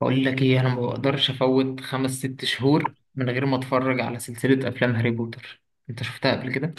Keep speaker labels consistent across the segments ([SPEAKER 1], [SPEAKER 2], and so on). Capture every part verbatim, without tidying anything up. [SPEAKER 1] بقول لك ايه، انا ما بقدرش افوت خمس ست شهور من غير ما اتفرج على سلسلة افلام هاري بوتر. انت شفتها قبل كده؟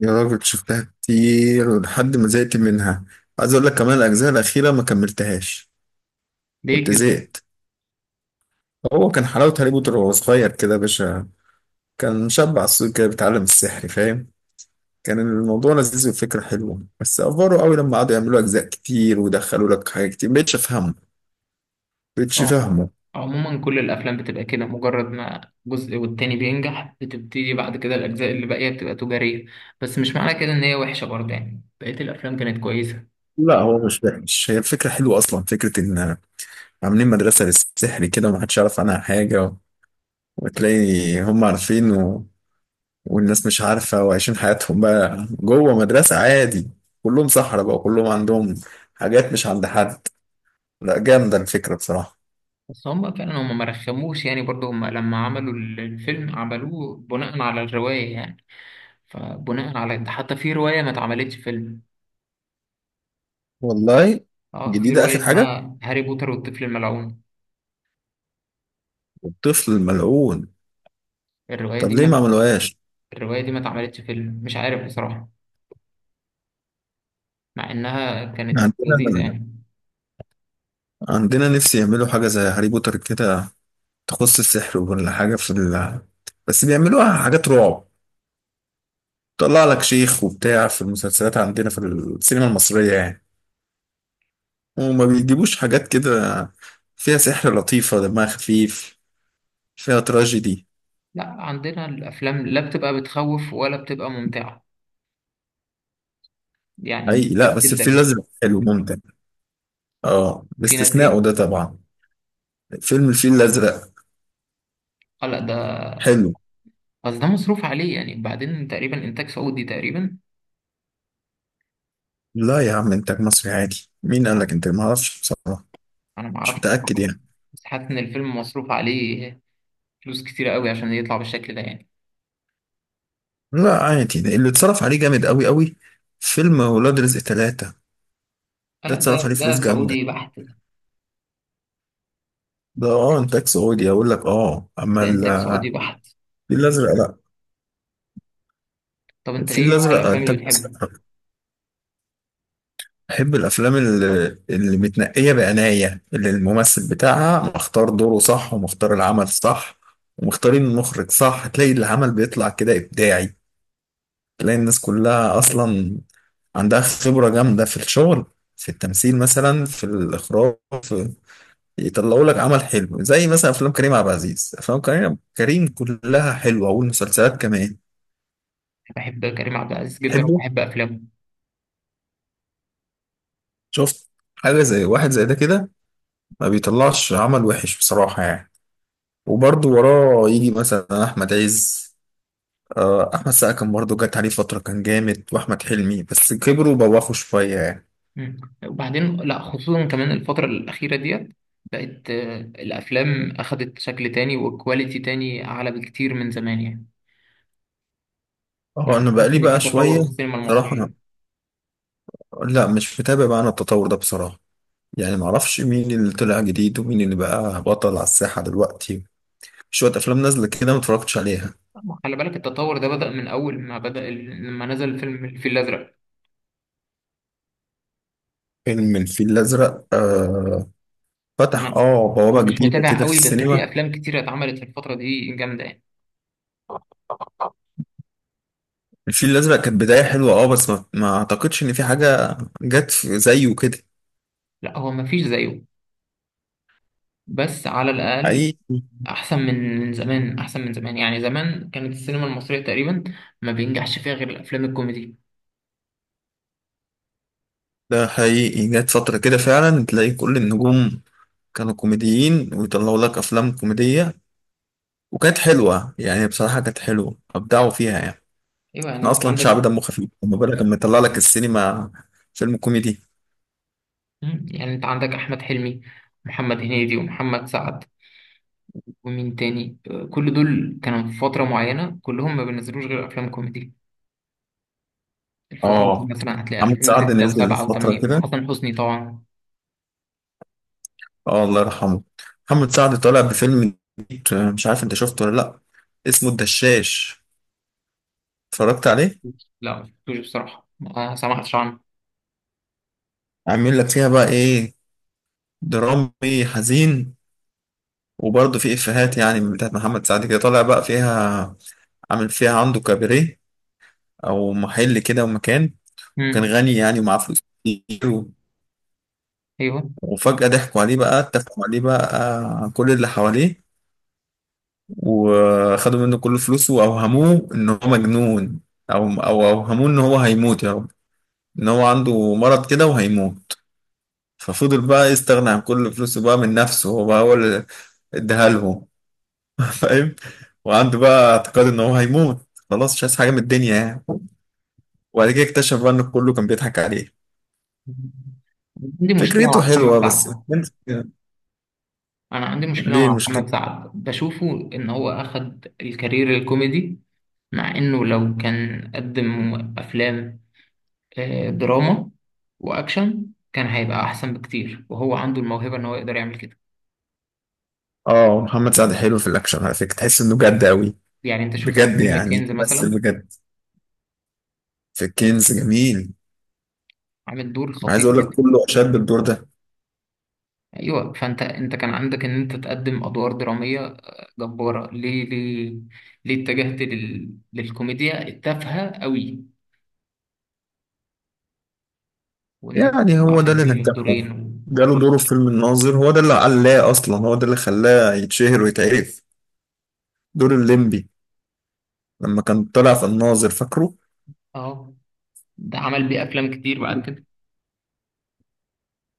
[SPEAKER 2] يا راجل شفتها كتير ولحد ما زهقت منها. عايز اقول لك كمان الاجزاء الاخيره ما كملتهاش.
[SPEAKER 1] ليه
[SPEAKER 2] كنت
[SPEAKER 1] كده؟
[SPEAKER 2] زهقت. هو كان حلاوه هاري بوتر وهو صغير كده يا باشا. كان شاب عسول كده بيتعلم السحر، فاهم؟ كان الموضوع لذيذ والفكره حلوه، بس افوروا قوي لما قعدوا يعملوا اجزاء كتير ويدخلوا لك حاجات كتير مبقتش افهمه. مبقتش
[SPEAKER 1] اه.
[SPEAKER 2] فاهمه.
[SPEAKER 1] عموما كل الافلام بتبقى كده، مجرد ما جزء والتاني بينجح بتبتدي بعد كده الاجزاء اللي باقية بتبقى تجارية. بس مش معنى كده ان هي وحشة برضه، يعني بقية الافلام كانت كويسة.
[SPEAKER 2] لا هو مش وحش، هي الفكره حلوه اصلا. فكره ان عاملين مدرسه للسحر كده ومحدش يعرف عنها حاجه، وتلاقي هم عارفين والناس مش عارفة، وعايشين حياتهم بقى جوه مدرسة عادي. كلهم صحراء بقى، كلهم عندهم حاجات مش عند حد. لا جامدة الفكرة بصراحة.
[SPEAKER 1] بس هم فعلا هم ما رخموش يعني، برضه هم لما عملوا ال- الفيلم عملوه بناء على الرواية يعني. فبناء على ده حتى في رواية ما اتعملتش فيلم.
[SPEAKER 2] والله
[SPEAKER 1] اه، في
[SPEAKER 2] جديدة
[SPEAKER 1] رواية
[SPEAKER 2] آخر حاجة.
[SPEAKER 1] اسمها هاري بوتر والطفل الملعون.
[SPEAKER 2] الطفل الملعون.
[SPEAKER 1] الرواية
[SPEAKER 2] طب
[SPEAKER 1] دي
[SPEAKER 2] ليه
[SPEAKER 1] ما
[SPEAKER 2] ما عملوهاش؟
[SPEAKER 1] الرواية دي ما اتعملتش فيلم، مش عارف بصراحة. مع إنها كانت
[SPEAKER 2] عندنا،
[SPEAKER 1] لذيذة يعني.
[SPEAKER 2] عندنا نفسي يعملوا حاجة زي هاري بوتر كده، تخص السحر ولا حاجة في ال... بس بيعملوها حاجات رعب. طلع لك شيخ وبتاع في المسلسلات عندنا في السينما المصرية يعني. وما بيجيبوش حاجات كده فيها سحر لطيفة دمها خفيف، فيها تراجيدي.
[SPEAKER 1] لا، عندنا الأفلام لا بتبقى بتخوف ولا بتبقى ممتعة، يعني مش
[SPEAKER 2] حقيقي، لا بس الفيل
[SPEAKER 1] بتشدك.
[SPEAKER 2] الأزرق حلو ممتع. اه
[SPEAKER 1] في ناس
[SPEAKER 2] باستثناءه
[SPEAKER 1] إيه؟
[SPEAKER 2] ده طبعا. فيلم الفيل الأزرق
[SPEAKER 1] آه لا، ده
[SPEAKER 2] حلو.
[SPEAKER 1] بس ده مصروف عليه يعني، بعدين تقريبا إنتاج سعودي تقريبا.
[SPEAKER 2] لا يا عم إنتاج مصري عادي، مين قال لك؟ إنتاج ما أعرفش بصراحة،
[SPEAKER 1] أنا ما
[SPEAKER 2] مش
[SPEAKER 1] أعرفش
[SPEAKER 2] متأكد
[SPEAKER 1] بصراحة، بس
[SPEAKER 2] يعني.
[SPEAKER 1] بس حاسس إن الفيلم مصروف عليه فلوس كتيرة قوي عشان يطلع بالشكل ده يعني.
[SPEAKER 2] لا عادي، ده اللي اتصرف عليه جامد أوي أوي. فيلم ولاد رزق ثلاثة
[SPEAKER 1] آه
[SPEAKER 2] ده
[SPEAKER 1] لا، ده
[SPEAKER 2] اتصرف عليه فلوس
[SPEAKER 1] ده
[SPEAKER 2] جامدة.
[SPEAKER 1] سعودي بحت.
[SPEAKER 2] ده اه إنتاج سعودي أقول لك، اه. أما
[SPEAKER 1] ده
[SPEAKER 2] ال-
[SPEAKER 1] إنتاج سعودي بحت.
[SPEAKER 2] الفيل الأزرق لا،
[SPEAKER 1] طب أنت
[SPEAKER 2] الفيل
[SPEAKER 1] إيه نوع
[SPEAKER 2] الأزرق
[SPEAKER 1] الأفلام اللي
[SPEAKER 2] إنتاج
[SPEAKER 1] بتحبها؟
[SPEAKER 2] مصري. بحب الافلام اللي, اللي متنقيه بعنايه، اللي الممثل بتاعها مختار دوره صح ومختار العمل صح ومختارين المخرج صح، تلاقي العمل بيطلع كده ابداعي. تلاقي الناس كلها اصلا عندها خبره جامده في الشغل، في التمثيل مثلا، في الاخراج، في... يطلعوا لك عمل حلو زي مثلا افلام كريم عبد العزيز. افلام كريم كريم كلها حلوه، والمسلسلات كمان.
[SPEAKER 1] بحب كريم عبد العزيز جدا
[SPEAKER 2] تحبه؟
[SPEAKER 1] وبحب أفلامه.
[SPEAKER 2] شفت؟ حاجه زي واحد زي ده كده ما بيطلعش عمل وحش بصراحه يعني. وبرضه وراه يجي مثلا احمد عز، آه، احمد سقا كان برضه جت عليه فتره كان جامد، واحمد حلمي، بس كبروا وبوخوا شويه يعني.
[SPEAKER 1] مم. وبعدين لا، خصوصا كمان الفترة الأخيرة ديت بقت آه، الأفلام أخدت شكل تاني وكواليتي تاني أعلى بكتير من زمان يعني.
[SPEAKER 2] هو
[SPEAKER 1] يعني
[SPEAKER 2] انا
[SPEAKER 1] تحس
[SPEAKER 2] بقالي
[SPEAKER 1] إن في
[SPEAKER 2] بقى
[SPEAKER 1] تطور
[SPEAKER 2] شويه،
[SPEAKER 1] في السينما
[SPEAKER 2] بصراحه أنا-
[SPEAKER 1] المصرية.
[SPEAKER 2] لا مش متابع بقى انا التطور ده بصراحه، يعني معرفش مين اللي طلع جديد ومين اللي بقى بطل على الساحه دلوقتي. شويه افلام نازله كده ما اتفرجتش عليها.
[SPEAKER 1] ما خلي بالك التطور ده بدأ من أول ما بدأ ال- لما نزل فيلم الفيل الأزرق.
[SPEAKER 2] فيلم الفيل الازرق آه،
[SPEAKER 1] أنا
[SPEAKER 2] فتح اه
[SPEAKER 1] أنا
[SPEAKER 2] بوابه
[SPEAKER 1] مش
[SPEAKER 2] جديده
[SPEAKER 1] متابع
[SPEAKER 2] كده في
[SPEAKER 1] قوي، بس في
[SPEAKER 2] السينما.
[SPEAKER 1] أفلام كتيرة اتعملت في الفترة دي جامدة يعني.
[SPEAKER 2] الفيل الازرق كانت بدايه حلوه اه، بس ما, ما اعتقدش ان في حاجه جت في- زيه كده.
[SPEAKER 1] لا هو مفيش زيه، بس على الأقل
[SPEAKER 2] حقيقي.
[SPEAKER 1] أحسن من من زمان، أحسن من زمان. يعني زمان كانت السينما المصرية تقريبا ما بينجحش فيها غير الأفلام الكوميدي.
[SPEAKER 2] ده حقيقي، جت فترة كده فعلا تلاقي كل النجوم كانوا كوميديين ويطلعوا لك أفلام كوميدية، وكانت حلوة يعني بصراحة، كانت حلوة أبدعوا فيها يعني.
[SPEAKER 1] ايوه، يعني
[SPEAKER 2] احنا
[SPEAKER 1] انت
[SPEAKER 2] أصلا
[SPEAKER 1] عندك.
[SPEAKER 2] شعب دمه خفيف، وما بالك لما يطلع لك السينما فيلم كوميدي.
[SPEAKER 1] مم. يعني انت عندك احمد حلمي، محمد هنيدي ومحمد سعد ومين تاني آه، كل دول كانوا في فتره معينه كلهم ما بينزلوش غير افلام كوميدي. الفتره دي
[SPEAKER 2] اه
[SPEAKER 1] مثلا هتلاقي
[SPEAKER 2] محمد سعد
[SPEAKER 1] الفين وستة
[SPEAKER 2] نزل
[SPEAKER 1] و7
[SPEAKER 2] فترة
[SPEAKER 1] و8
[SPEAKER 2] كده.
[SPEAKER 1] وحسن حسني طبعا.
[SPEAKER 2] اه الله يرحمه. محمد سعد طالع بفيلم جديد، آه، مش عارف انت شفته ولا لأ. اسمه الدشاش، اتفرجت عليه؟
[SPEAKER 1] لا ما شفتوش بصراحه، ما سمعتش عنه.
[SPEAKER 2] عامل لك فيها بقى ايه، درامي حزين، وبرضه في افيهات يعني من بتاعت محمد سعد كده طالع بقى فيها. عامل فيها عنده كاباريه او محل كده ومكان. وكان
[SPEAKER 1] مم.
[SPEAKER 2] غني يعني ومعاه فلوس كتير و-
[SPEAKER 1] ايوه.
[SPEAKER 2] وفجأة ضحكوا عليه بقى، اتفقوا عليه بقى، آه، كل اللي حواليه، وخدوا منه كل فلوسه واوهموه ان هو مجنون، او او اوهموه ان هو هيموت يا رب، ان هو عنده مرض كده وهيموت. ففضل بقى يستغنى عن كل فلوسه بقى من نفسه، هو بقى هو اللي اداها لهم. فاهم؟ وعنده بقى اعتقاد ان هو هيموت، خلاص مش عايز حاجه من الدنيا يعني. وبعد كده اكتشف بقى ان كله كان بيضحك عليه.
[SPEAKER 1] عندي مشكله مع
[SPEAKER 2] فكرته حلوه
[SPEAKER 1] محمد
[SPEAKER 2] بس.
[SPEAKER 1] سعد. انا عندي مشكله
[SPEAKER 2] ليه
[SPEAKER 1] مع
[SPEAKER 2] المشكله؟
[SPEAKER 1] محمد سعد بشوفه ان هو اخد الكارير الكوميدي، مع انه لو كان قدم افلام آه، دراما واكشن كان هيبقى احسن بكتير، وهو عنده الموهبه ان هو يقدر يعمل كده.
[SPEAKER 2] اه محمد سعد حلو في الاكشن على فكره، تحس انه جد قوي.
[SPEAKER 1] يعني انت شفته في
[SPEAKER 2] بجد
[SPEAKER 1] فيلم
[SPEAKER 2] يعني،
[SPEAKER 1] كنز
[SPEAKER 2] بس
[SPEAKER 1] مثلا،
[SPEAKER 2] بجد في كنز جميل.
[SPEAKER 1] عامل دور
[SPEAKER 2] عايز
[SPEAKER 1] خطير
[SPEAKER 2] اقول لك
[SPEAKER 1] جدا.
[SPEAKER 2] كله اشاد بالدور ده.
[SPEAKER 1] ايوه، فانت انت كان عندك ان انت تقدم ادوار دراميه آه، جباره. ليه ليه ليه اتجهت لل... للكوميديا التافهه قوي، وان انت
[SPEAKER 2] يعني
[SPEAKER 1] تطلع
[SPEAKER 2] هو
[SPEAKER 1] في
[SPEAKER 2] ده اللي
[SPEAKER 1] الفيلم
[SPEAKER 2] نجحه،
[SPEAKER 1] بدورين و...
[SPEAKER 2] جاله دوره في فيلم الناظر. هو ده اللي علاه اصلا، هو ده اللي خلاه يتشهر ويتعرف، دور الليمبي لما كان طلع في الناظر، فاكره؟
[SPEAKER 1] اه ده عمل بيه افلام كتير بعد كده.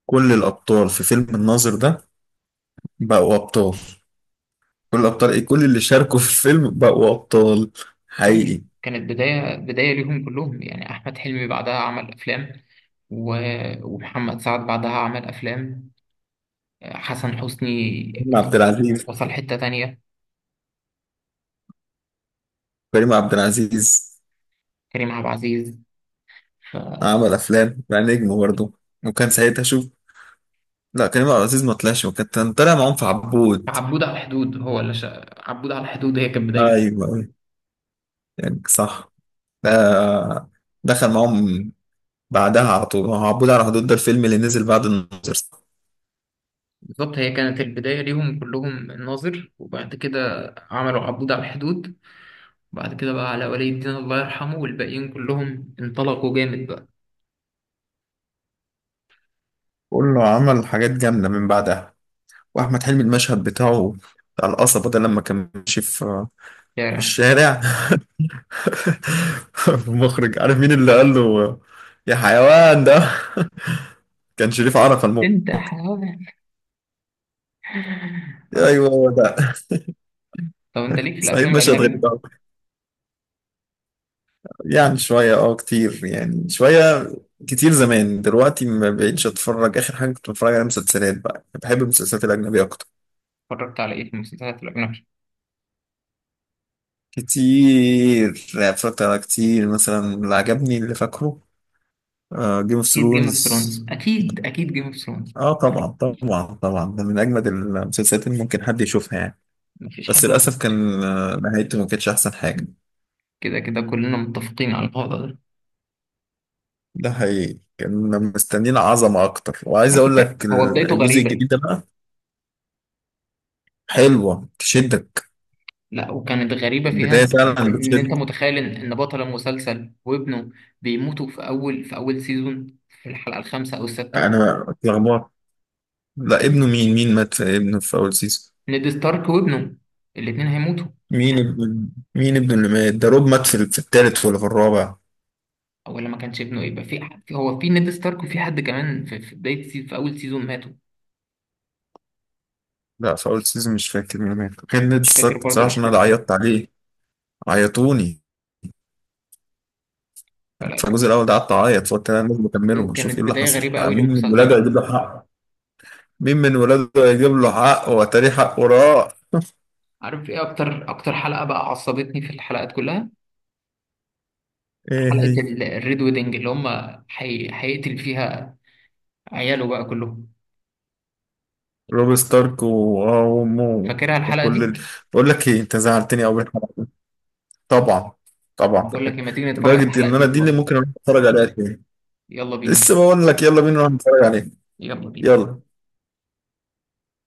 [SPEAKER 2] كل الأبطال في فيلم الناظر ده بقوا أبطال. كل الأبطال إيه، كل اللي شاركوا في الفيلم بقوا أبطال،
[SPEAKER 1] مم.
[SPEAKER 2] حقيقي.
[SPEAKER 1] كانت بدايه بدايه ليهم كلهم يعني، احمد حلمي بعدها عمل افلام، و- ومحمد سعد بعدها عمل أفلام، حسن حسني.
[SPEAKER 2] كريم عبد العزيز.
[SPEAKER 1] وصل حتة تانية.
[SPEAKER 2] كريم عبد العزيز
[SPEAKER 1] كريم عبد العزيز. ف-
[SPEAKER 2] عمل أفلام بقى، نجم برضه. وكان ساعتها شوف، لا كريم عبد العزيز ما طلعش، وكان كان طالع معاهم في عبود.
[SPEAKER 1] عبود على الحدود هو اللي شا... عبود على الحدود هي كانت
[SPEAKER 2] أيوه
[SPEAKER 1] بدايته.
[SPEAKER 2] أيوه. يعني صح. ده دخل معاهم بعدها على طول. هو عبود على حدود ده الفيلم اللي نزل بعد الناظر.
[SPEAKER 1] بالظبط، هي كانت البداية ليهم كلهم، الناظر وبعد كده عملوا عبود على الحدود، وبعد كده بقى على ولي الدين الله يرحمه والباقيين كلهم انطلقوا جامد بقى.
[SPEAKER 2] كله عمل حاجات جامدة من بعدها. وأحمد حلمي المشهد بتاعه، بتاع القصبة ده لما كان ماشي في في
[SPEAKER 1] شارع.
[SPEAKER 2] الشارع. المخرج عارف مين اللي قال له يا حيوان ده؟ كان شريف عرفة المخرج.
[SPEAKER 1] انت حاول. اه.
[SPEAKER 2] ايوه هو ده.
[SPEAKER 1] طب انت ليك في
[SPEAKER 2] صعيدي
[SPEAKER 1] الافلام
[SPEAKER 2] مش هتغير.
[SPEAKER 1] الاجنبي؟
[SPEAKER 2] يعني شويه اه كتير، يعني شويه كتير زمان. دلوقتي ما بقتش اتفرج، اخر حاجه كنت بتفرج على مسلسلات بقى، بحب المسلسلات الاجنبيه اكتر.
[SPEAKER 1] اتفرجت على ايه في المسلسلات الاجنبي؟
[SPEAKER 2] كتير يعني، اتفرجت على كتير، مثلا اللي عجبني اللي فاكره جيم اوف
[SPEAKER 1] اكيد جيم اوف
[SPEAKER 2] ثرونز.
[SPEAKER 1] ثرونز، اكيد، اكيد جيم اوف
[SPEAKER 2] اه Game of Thrones. آه، طبعا طبعا طبعا، ده من اجمد المسلسلات اللي ممكن حد يشوفها يعني.
[SPEAKER 1] مفيش حد.
[SPEAKER 2] بس للأسف كان آه، نهايته ما كانتش أحسن حاجة.
[SPEAKER 1] كده كده كلنا متفقين على الوضع ده.
[SPEAKER 2] ده حقيقي، كنا مستنيين عظمة أكتر. وعايز
[SPEAKER 1] على
[SPEAKER 2] أقول
[SPEAKER 1] فكرة
[SPEAKER 2] لك
[SPEAKER 1] هو بدايته
[SPEAKER 2] الجزء
[SPEAKER 1] غريبة.
[SPEAKER 2] الجديد ده بقى حلوة تشدك،
[SPEAKER 1] لا، وكانت غريبة فيها
[SPEAKER 2] بداية
[SPEAKER 1] إن
[SPEAKER 2] فعلا
[SPEAKER 1] إن
[SPEAKER 2] بتشد.
[SPEAKER 1] أنت متخيل إن إن بطل المسلسل وابنه بيموتوا في أول في أول سيزون في الحلقة الخامسة أو السادسة.
[SPEAKER 2] أنا اتلخبطت، لا ابنه مين؟ مين مات في ابنه في أول سيزون؟
[SPEAKER 1] نيد ستارك وابنه، الاتنين هيموتوا.
[SPEAKER 2] مين ابن؟ مين ابنه اللي مات ده؟ روب مات في في التالت ولا في الرابع؟
[SPEAKER 1] أو ولا ما كانش ابنه، يبقى في ح- في- هو في نيد ستارك وفي حد كمان في في بداية سي... في أول سيزون ماتوا.
[SPEAKER 2] لا في أول سيزون مش فاكر مين مات، كان نادي
[SPEAKER 1] مش فاكر
[SPEAKER 2] الصك
[SPEAKER 1] برضو
[SPEAKER 2] بصراحة عشان أنا
[SPEAKER 1] الأحداث أوي.
[SPEAKER 2] عيطت عليه، عيطوني. في
[SPEAKER 1] فلا
[SPEAKER 2] الجزء
[SPEAKER 1] كانت،
[SPEAKER 2] الأول ده قعدت أعيط، فقلت أنا لازم أكمله وأشوف إيه
[SPEAKER 1] كانت
[SPEAKER 2] اللي
[SPEAKER 1] بداية
[SPEAKER 2] حصل،
[SPEAKER 1] غريبة أوي
[SPEAKER 2] مين
[SPEAKER 1] للمسلسل
[SPEAKER 2] المراجع
[SPEAKER 1] يعني.
[SPEAKER 2] يجيب له حقه، مين من ولاده هيجيب له حق وتاريخ حق وراه.
[SPEAKER 1] عارف إيه أكتر أكتر حلقة بقى عصبتني في الحلقات كلها؟
[SPEAKER 2] ايه
[SPEAKER 1] حلقة
[SPEAKER 2] هي؟
[SPEAKER 1] ال- الريد ويدنج اللي هم حي... هيقتل فيها عياله بقى كلهم.
[SPEAKER 2] روب ستارك و- وامه
[SPEAKER 1] فاكرها الحلقة
[SPEAKER 2] وكل ال...
[SPEAKER 1] دي؟
[SPEAKER 2] بقول لك ايه، انت زعلتني قوي. طبعا، طبعا
[SPEAKER 1] بقول لك
[SPEAKER 2] فاكر.
[SPEAKER 1] لما تيجي نتفرج على
[SPEAKER 2] لدرجه
[SPEAKER 1] الحلقة
[SPEAKER 2] ان
[SPEAKER 1] دي
[SPEAKER 2] انا دي اللي
[SPEAKER 1] دلوقتي.
[SPEAKER 2] ممكن اروح اتفرج عليها تاني.
[SPEAKER 1] يلا بينا،
[SPEAKER 2] لسه بقول لك يلا بينا نروح نتفرج عليها.
[SPEAKER 1] يلا بينا.
[SPEAKER 2] يلا.